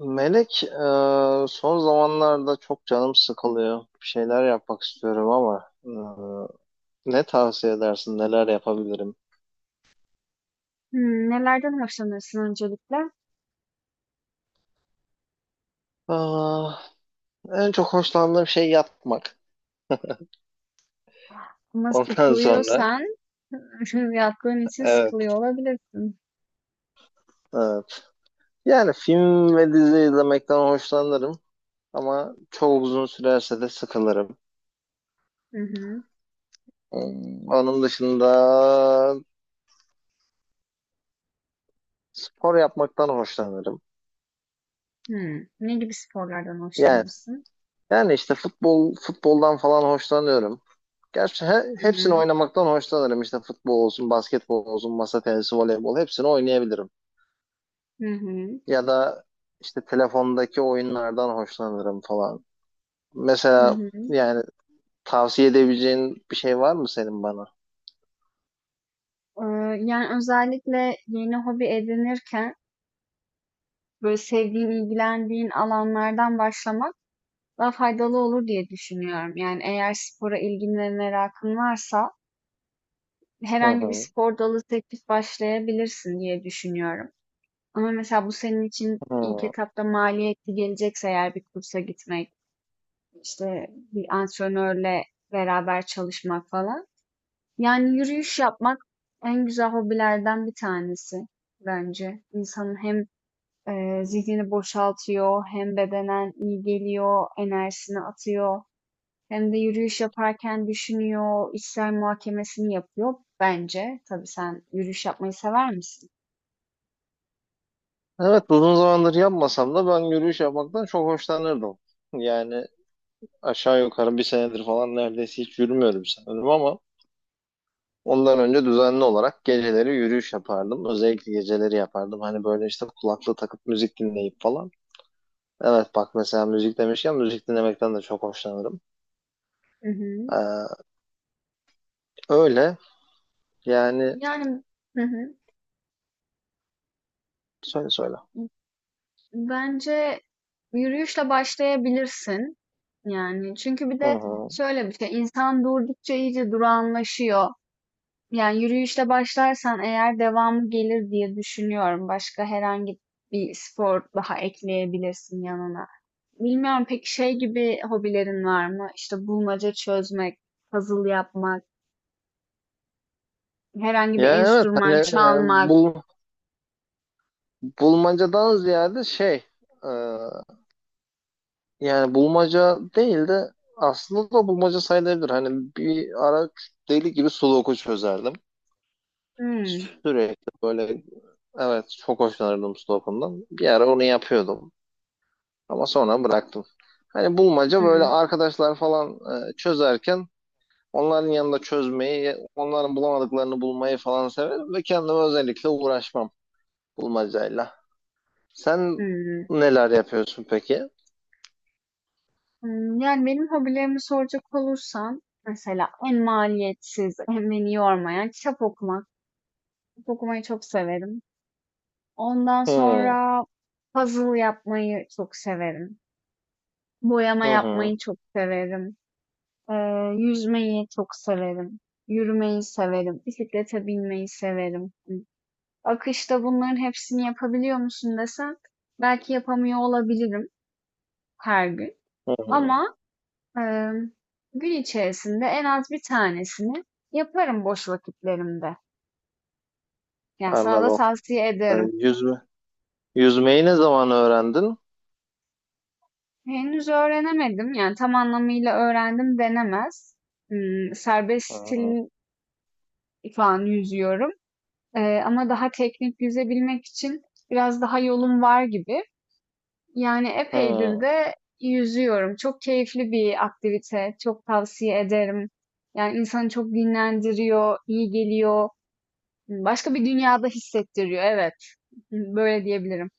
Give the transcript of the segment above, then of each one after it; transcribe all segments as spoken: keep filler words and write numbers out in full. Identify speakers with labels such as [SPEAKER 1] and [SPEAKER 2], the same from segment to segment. [SPEAKER 1] Melek, e, son zamanlarda çok canım sıkılıyor. Bir şeyler yapmak istiyorum, ama e, ne tavsiye edersin, neler yapabilirim?
[SPEAKER 2] Hımm, nelerden hoşlanırsın öncelikle?
[SPEAKER 1] Aa, en çok hoşlandığım şey yatmak.
[SPEAKER 2] Ama
[SPEAKER 1] Ondan sonra,
[SPEAKER 2] sıkılıyorsan yattığın için
[SPEAKER 1] evet,
[SPEAKER 2] sıkılıyor olabilirsin.
[SPEAKER 1] evet. Yani film ve dizi izlemekten hoşlanırım, ama çok uzun sürerse de sıkılırım.
[SPEAKER 2] Hı hı.
[SPEAKER 1] Hmm, Onun dışında spor yapmaktan hoşlanırım.
[SPEAKER 2] Hımm. Ne gibi sporlardan
[SPEAKER 1] Yani
[SPEAKER 2] hoşlanırsın?
[SPEAKER 1] yani işte futbol futboldan falan hoşlanıyorum. Gerçi he-
[SPEAKER 2] Hı
[SPEAKER 1] hepsini
[SPEAKER 2] hı.
[SPEAKER 1] oynamaktan hoşlanırım. İşte futbol olsun, basketbol olsun, masa tenisi, voleybol, hepsini oynayabilirim.
[SPEAKER 2] Hı hı.
[SPEAKER 1] Ya da işte telefondaki oyunlardan hoşlanırım falan.
[SPEAKER 2] Hı
[SPEAKER 1] Mesela
[SPEAKER 2] hı.
[SPEAKER 1] yani tavsiye edebileceğin bir şey var mı senin bana?
[SPEAKER 2] Eee, yani, özellikle yeni hobi edinirken, böyle, sevdiğin, ilgilendiğin alanlardan başlamak daha faydalı olur diye düşünüyorum. Yani, eğer spora ilgin ve merakın varsa
[SPEAKER 1] Hı
[SPEAKER 2] herhangi bir
[SPEAKER 1] hı.
[SPEAKER 2] spor dalı seçip başlayabilirsin diye düşünüyorum. Ama mesela bu senin için ilk
[SPEAKER 1] Hı.
[SPEAKER 2] etapta maliyetli gelecekse eğer bir kursa gitmek, işte bir antrenörle beraber çalışmak falan. Yani yürüyüş yapmak en güzel hobilerden bir tanesi bence. İnsanın hem e, zihnini boşaltıyor, hem bedenen iyi geliyor, enerjisini atıyor. Hem de yürüyüş yaparken düşünüyor, içsel muhakemesini yapıyor bence. Tabii sen yürüyüş yapmayı sever misin?
[SPEAKER 1] Evet, uzun zamandır yapmasam da ben yürüyüş yapmaktan çok hoşlanırdım. Yani aşağı yukarı bir senedir falan neredeyse hiç yürümüyorum sanırım, ama ondan önce düzenli olarak geceleri yürüyüş yapardım. Özellikle geceleri yapardım. Hani böyle işte kulaklığı takıp müzik dinleyip falan. Evet, bak mesela müzik demişken müzik dinlemekten de çok hoşlanırım.
[SPEAKER 2] Hı hı.
[SPEAKER 1] Ee, öyle yani,
[SPEAKER 2] Yani, hı hı.
[SPEAKER 1] söyle söyle.
[SPEAKER 2] Bence yürüyüşle başlayabilirsin. Yani çünkü bir
[SPEAKER 1] Hı
[SPEAKER 2] de
[SPEAKER 1] hı.
[SPEAKER 2] şöyle bir şey, insan durdukça iyice durağanlaşıyor. Yani yürüyüşle başlarsan eğer devamı gelir diye düşünüyorum. Başka herhangi bir spor daha ekleyebilirsin yanına. Bilmiyorum peki şey gibi hobilerin var mı? İşte bulmaca çözmek, puzzle yapmak, herhangi bir
[SPEAKER 1] Ya evet, hani
[SPEAKER 2] enstrüman
[SPEAKER 1] e,
[SPEAKER 2] çalmak.
[SPEAKER 1] bul, bulmacadan ziyade şey, e, yani bulmaca değil de, aslında da bulmaca sayılabilir. Hani bir ara deli gibi sudoku çözerdim.
[SPEAKER 2] Hmm,
[SPEAKER 1] Sürekli böyle. Evet, çok hoşlanırdım Sudoku'ndan. Bir ara onu yapıyordum, ama sonra bıraktım. Hani bulmaca böyle
[SPEAKER 2] hmm,
[SPEAKER 1] arkadaşlar falan e, çözerken, onların yanında çözmeyi, onların bulamadıklarını bulmayı falan severim ve kendime özellikle uğraşmam bulmacayla. Sen
[SPEAKER 2] hmm.
[SPEAKER 1] neler yapıyorsun peki?
[SPEAKER 2] Hımm, yani, benim hobilerimi soracak olursan mesela en maliyetsiz en beni yormayan kitap okumak. Kitap okumayı çok severim. Ondan
[SPEAKER 1] Hmm,
[SPEAKER 2] sonra puzzle yapmayı çok severim. Boyama
[SPEAKER 1] hı hı,
[SPEAKER 2] yapmayı çok severim. Eee, yüzmeyi çok severim. Yürümeyi severim. Bisiklete binmeyi severim. akışta bunların hepsini yapabiliyor musun desen belki yapamıyor olabilirim her gün
[SPEAKER 1] hı hı,
[SPEAKER 2] ama, Emm, gün içerisinde en az bir tanesini yaparım boş vakitlerimde. Yani, sana da
[SPEAKER 1] anladım.
[SPEAKER 2] tavsiye
[SPEAKER 1] E,
[SPEAKER 2] ederim.
[SPEAKER 1] yüzme, Yüzmeyi ne zaman öğrendin?
[SPEAKER 2] Henüz öğrenemedim, yani, tam anlamıyla öğrendim denemez. Imm, serbest
[SPEAKER 1] Hı hı.
[SPEAKER 2] stil şu an yüzüyorum, eee, ama daha teknik yüzebilmek için biraz daha yolum var gibi. Yani, epeydir
[SPEAKER 1] Hı.
[SPEAKER 2] de yüzüyorum. Çok keyifli bir aktivite, çok tavsiye ederim. Yani, insanı çok dinlendiriyor, iyi geliyor. Başka bir dünyada hissettiriyor. Evet. Böyle diyebilirim.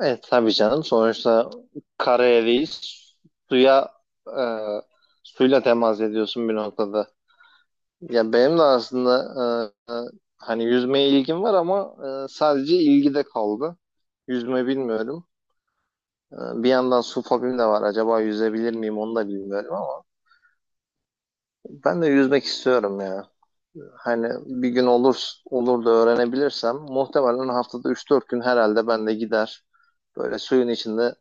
[SPEAKER 1] Evet tabii canım. Sonuçta karayeliyiz. Suya e, Suyla temas ediyorsun bir noktada. Ya benim de aslında e, e, hani yüzmeye ilgim var, ama e, sadece ilgi de kaldı. Yüzme bilmiyorum. E, Bir yandan su fobim de var. Acaba yüzebilir miyim onu da bilmiyorum, ama ben de yüzmek istiyorum ya. Hani bir gün olur olur da öğrenebilirsem, muhtemelen haftada üç dört gün herhalde ben de gider. Böyle suyun içinde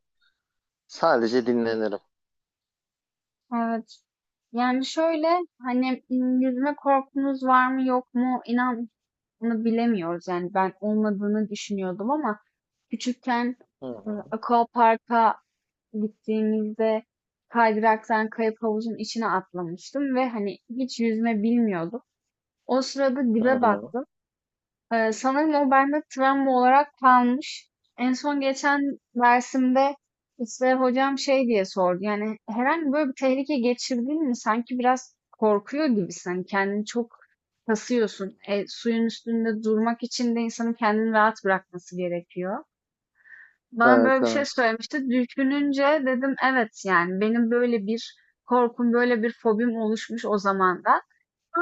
[SPEAKER 1] sadece dinlenirim.
[SPEAKER 2] Evet. Yani şöyle hani m, yüzme korkunuz var mı yok mu inan bunu bilemiyoruz. Yani ben olmadığını düşünüyordum ama küçükken
[SPEAKER 1] Hı
[SPEAKER 2] e,
[SPEAKER 1] hı.
[SPEAKER 2] Aquapark'a gittiğimizde kaydıraktan kayıp havuzun içine atlamıştım ve hani hiç yüzme bilmiyordum. O sırada
[SPEAKER 1] Hı
[SPEAKER 2] dibe
[SPEAKER 1] hı.
[SPEAKER 2] baktım. Eee, sanırım o bende travma olarak kalmış. En son geçen dersimde işte hocam şey diye sordu. Yani herhangi böyle bir tehlike geçirdin mi? Sanki biraz korkuyor gibisin. Hani kendini çok kasıyorsun. E, suyun üstünde durmak için de insanın kendini rahat bırakması gerekiyor. Bana
[SPEAKER 1] Evet
[SPEAKER 2] böyle bir şey
[SPEAKER 1] evet.
[SPEAKER 2] söylemişti. Düşününce dedim evet yani benim böyle bir korkum, böyle bir fobim oluşmuş o zaman da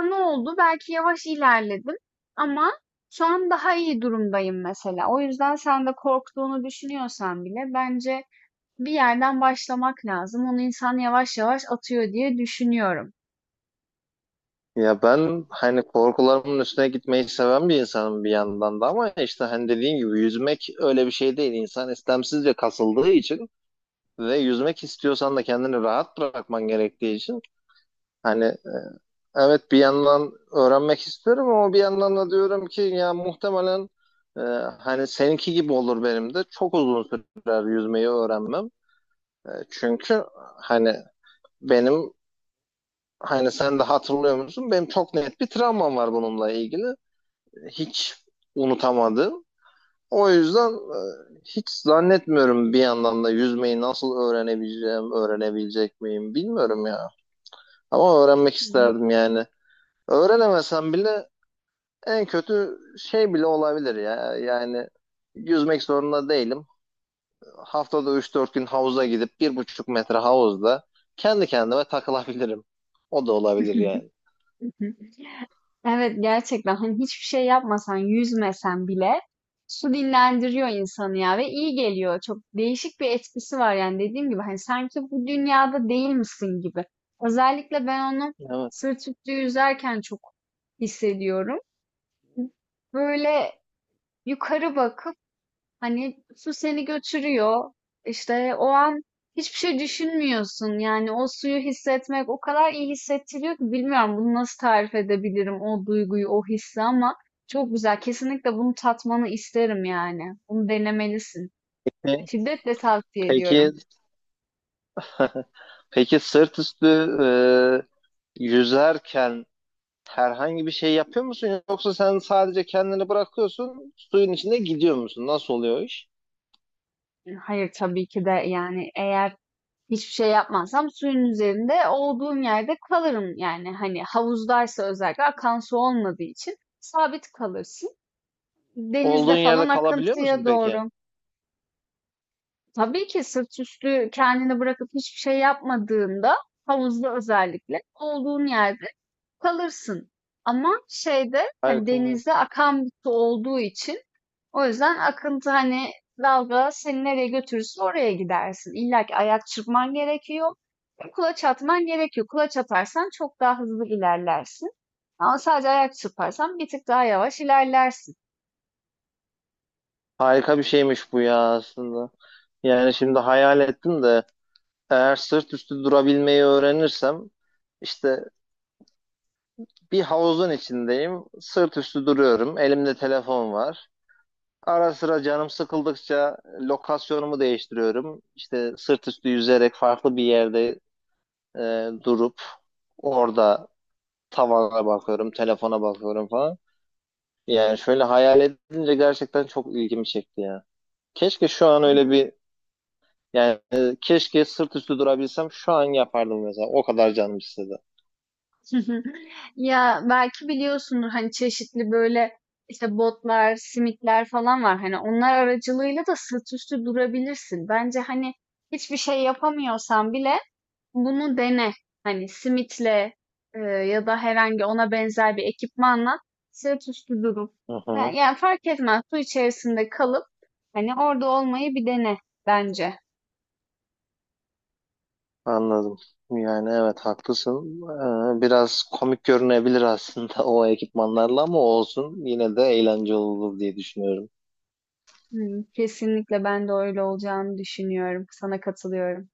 [SPEAKER 2] ne oldu? Belki yavaş ilerledim ama şu an daha iyi durumdayım mesela. O yüzden sen de korktuğunu düşünüyorsan bile bence bir yerden başlamak lazım. Onu insan yavaş yavaş atıyor diye düşünüyorum.
[SPEAKER 1] Ya ben hani korkularımın üstüne gitmeyi seven bir insanım bir yandan da, ama işte hani dediğim gibi yüzmek öyle bir şey değil. İnsan istemsizce kasıldığı için ve yüzmek istiyorsan da kendini rahat bırakman gerektiği için, hani evet, bir yandan öğrenmek istiyorum, ama bir yandan da diyorum ki ya, muhtemelen e, hani seninki gibi olur, benim de çok uzun sürer yüzmeyi öğrenmem. E, çünkü hani benim, hani sen de hatırlıyor musun? Benim çok net bir travmam var bununla ilgili. Hiç unutamadım. O yüzden e, hiç zannetmiyorum, bir yandan da yüzmeyi nasıl öğrenebileceğim, öğrenebilecek miyim bilmiyorum ya. Ama öğrenmek isterdim yani. Öğrenemesem bile en kötü şey bile olabilir ya. Yani yüzmek zorunda değilim. Haftada üç dört gün havuza gidip bir buçuk metre havuzda kendi kendime takılabilirim. O da olabilir
[SPEAKER 2] Hı.
[SPEAKER 1] yani.
[SPEAKER 2] Evet gerçekten hani hiçbir şey yapmasan, yüzmesen bile su dinlendiriyor insanı ya ve iyi geliyor. Çok değişik bir etkisi var yani dediğim gibi hani sanki bu dünyada değil misin gibi. Özellikle ben onu
[SPEAKER 1] Evet.
[SPEAKER 2] sırt üstü yüzerken çok hissediyorum. Böyle yukarı bakıp Hani su seni götürüyor. İşte o an hiçbir şey düşünmüyorsun. Yani o suyu hissetmek o kadar iyi hissettiriyor ki bilmiyorum bunu nasıl tarif edebilirim o duyguyu, o hissi ama çok güzel. Kesinlikle bunu tatmanı isterim yani. Bunu denemelisin. Şiddetle tavsiye
[SPEAKER 1] Peki.
[SPEAKER 2] ediyorum.
[SPEAKER 1] Peki, sırt üstü e, yüzerken herhangi bir şey yapıyor musun, yoksa sen sadece kendini bırakıyorsun, suyun içinde gidiyor musun? Nasıl oluyor o iş?
[SPEAKER 2] Hayır tabii ki de yani eğer hiçbir şey yapmazsam suyun üzerinde olduğum yerde kalırım yani hani havuzdaysa özellikle akan su olmadığı için sabit kalırsın. Denizde
[SPEAKER 1] Olduğun yerde
[SPEAKER 2] falan
[SPEAKER 1] kalabiliyor musun
[SPEAKER 2] akıntıya
[SPEAKER 1] peki?
[SPEAKER 2] doğru. Tabii ki sırt üstü kendini bırakıp hiçbir şey yapmadığında havuzda özellikle olduğun yerde kalırsın. Ama şeyde hani
[SPEAKER 1] Harika.
[SPEAKER 2] denizde akan bir su olduğu için o yüzden akıntı hani dalga seni nereye götürürse oraya gidersin. İlla ki ayak çırpman gerekiyor. Kulaç atman gerekiyor. Kulaç atarsan çok daha hızlı ilerlersin. Ama sadece ayak çırparsan bir tık daha yavaş ilerlersin.
[SPEAKER 1] Harika bir şeymiş bu ya aslında. Yani şimdi hayal ettim de, eğer sırt üstü durabilmeyi öğrenirsem, işte bir havuzun içindeyim, sırt üstü duruyorum, elimde telefon var. Ara sıra canım sıkıldıkça lokasyonumu değiştiriyorum. İşte sırt üstü yüzerek farklı bir yerde e, durup orada tavana bakıyorum, telefona bakıyorum falan. Yani şöyle hayal edince gerçekten çok ilgimi çekti ya. Keşke şu an öyle bir yani e, keşke sırt üstü durabilsem şu an yapardım mesela. O kadar canım istedi.
[SPEAKER 2] Hı hı. Ya belki biliyorsundur hani çeşitli böyle işte botlar, simitler falan var. Hani onlar aracılığıyla da sırt üstü durabilirsin. Bence hani hiçbir şey yapamıyorsan bile bunu dene. Hani simitle e, ya da herhangi ona benzer bir ekipmanla sırt üstü durup
[SPEAKER 1] Hı
[SPEAKER 2] yani,
[SPEAKER 1] hı.
[SPEAKER 2] yani fark etmez su içerisinde kalıp hani orada olmayı bir dene bence.
[SPEAKER 1] Anladım. Yani evet, haklısın. Ee, biraz komik görünebilir aslında, o ekipmanlarla, ama olsun, yine de eğlence olur diye düşünüyorum.
[SPEAKER 2] Hı, kesinlikle ben de öyle olacağını düşünüyorum. Sana katılıyorum.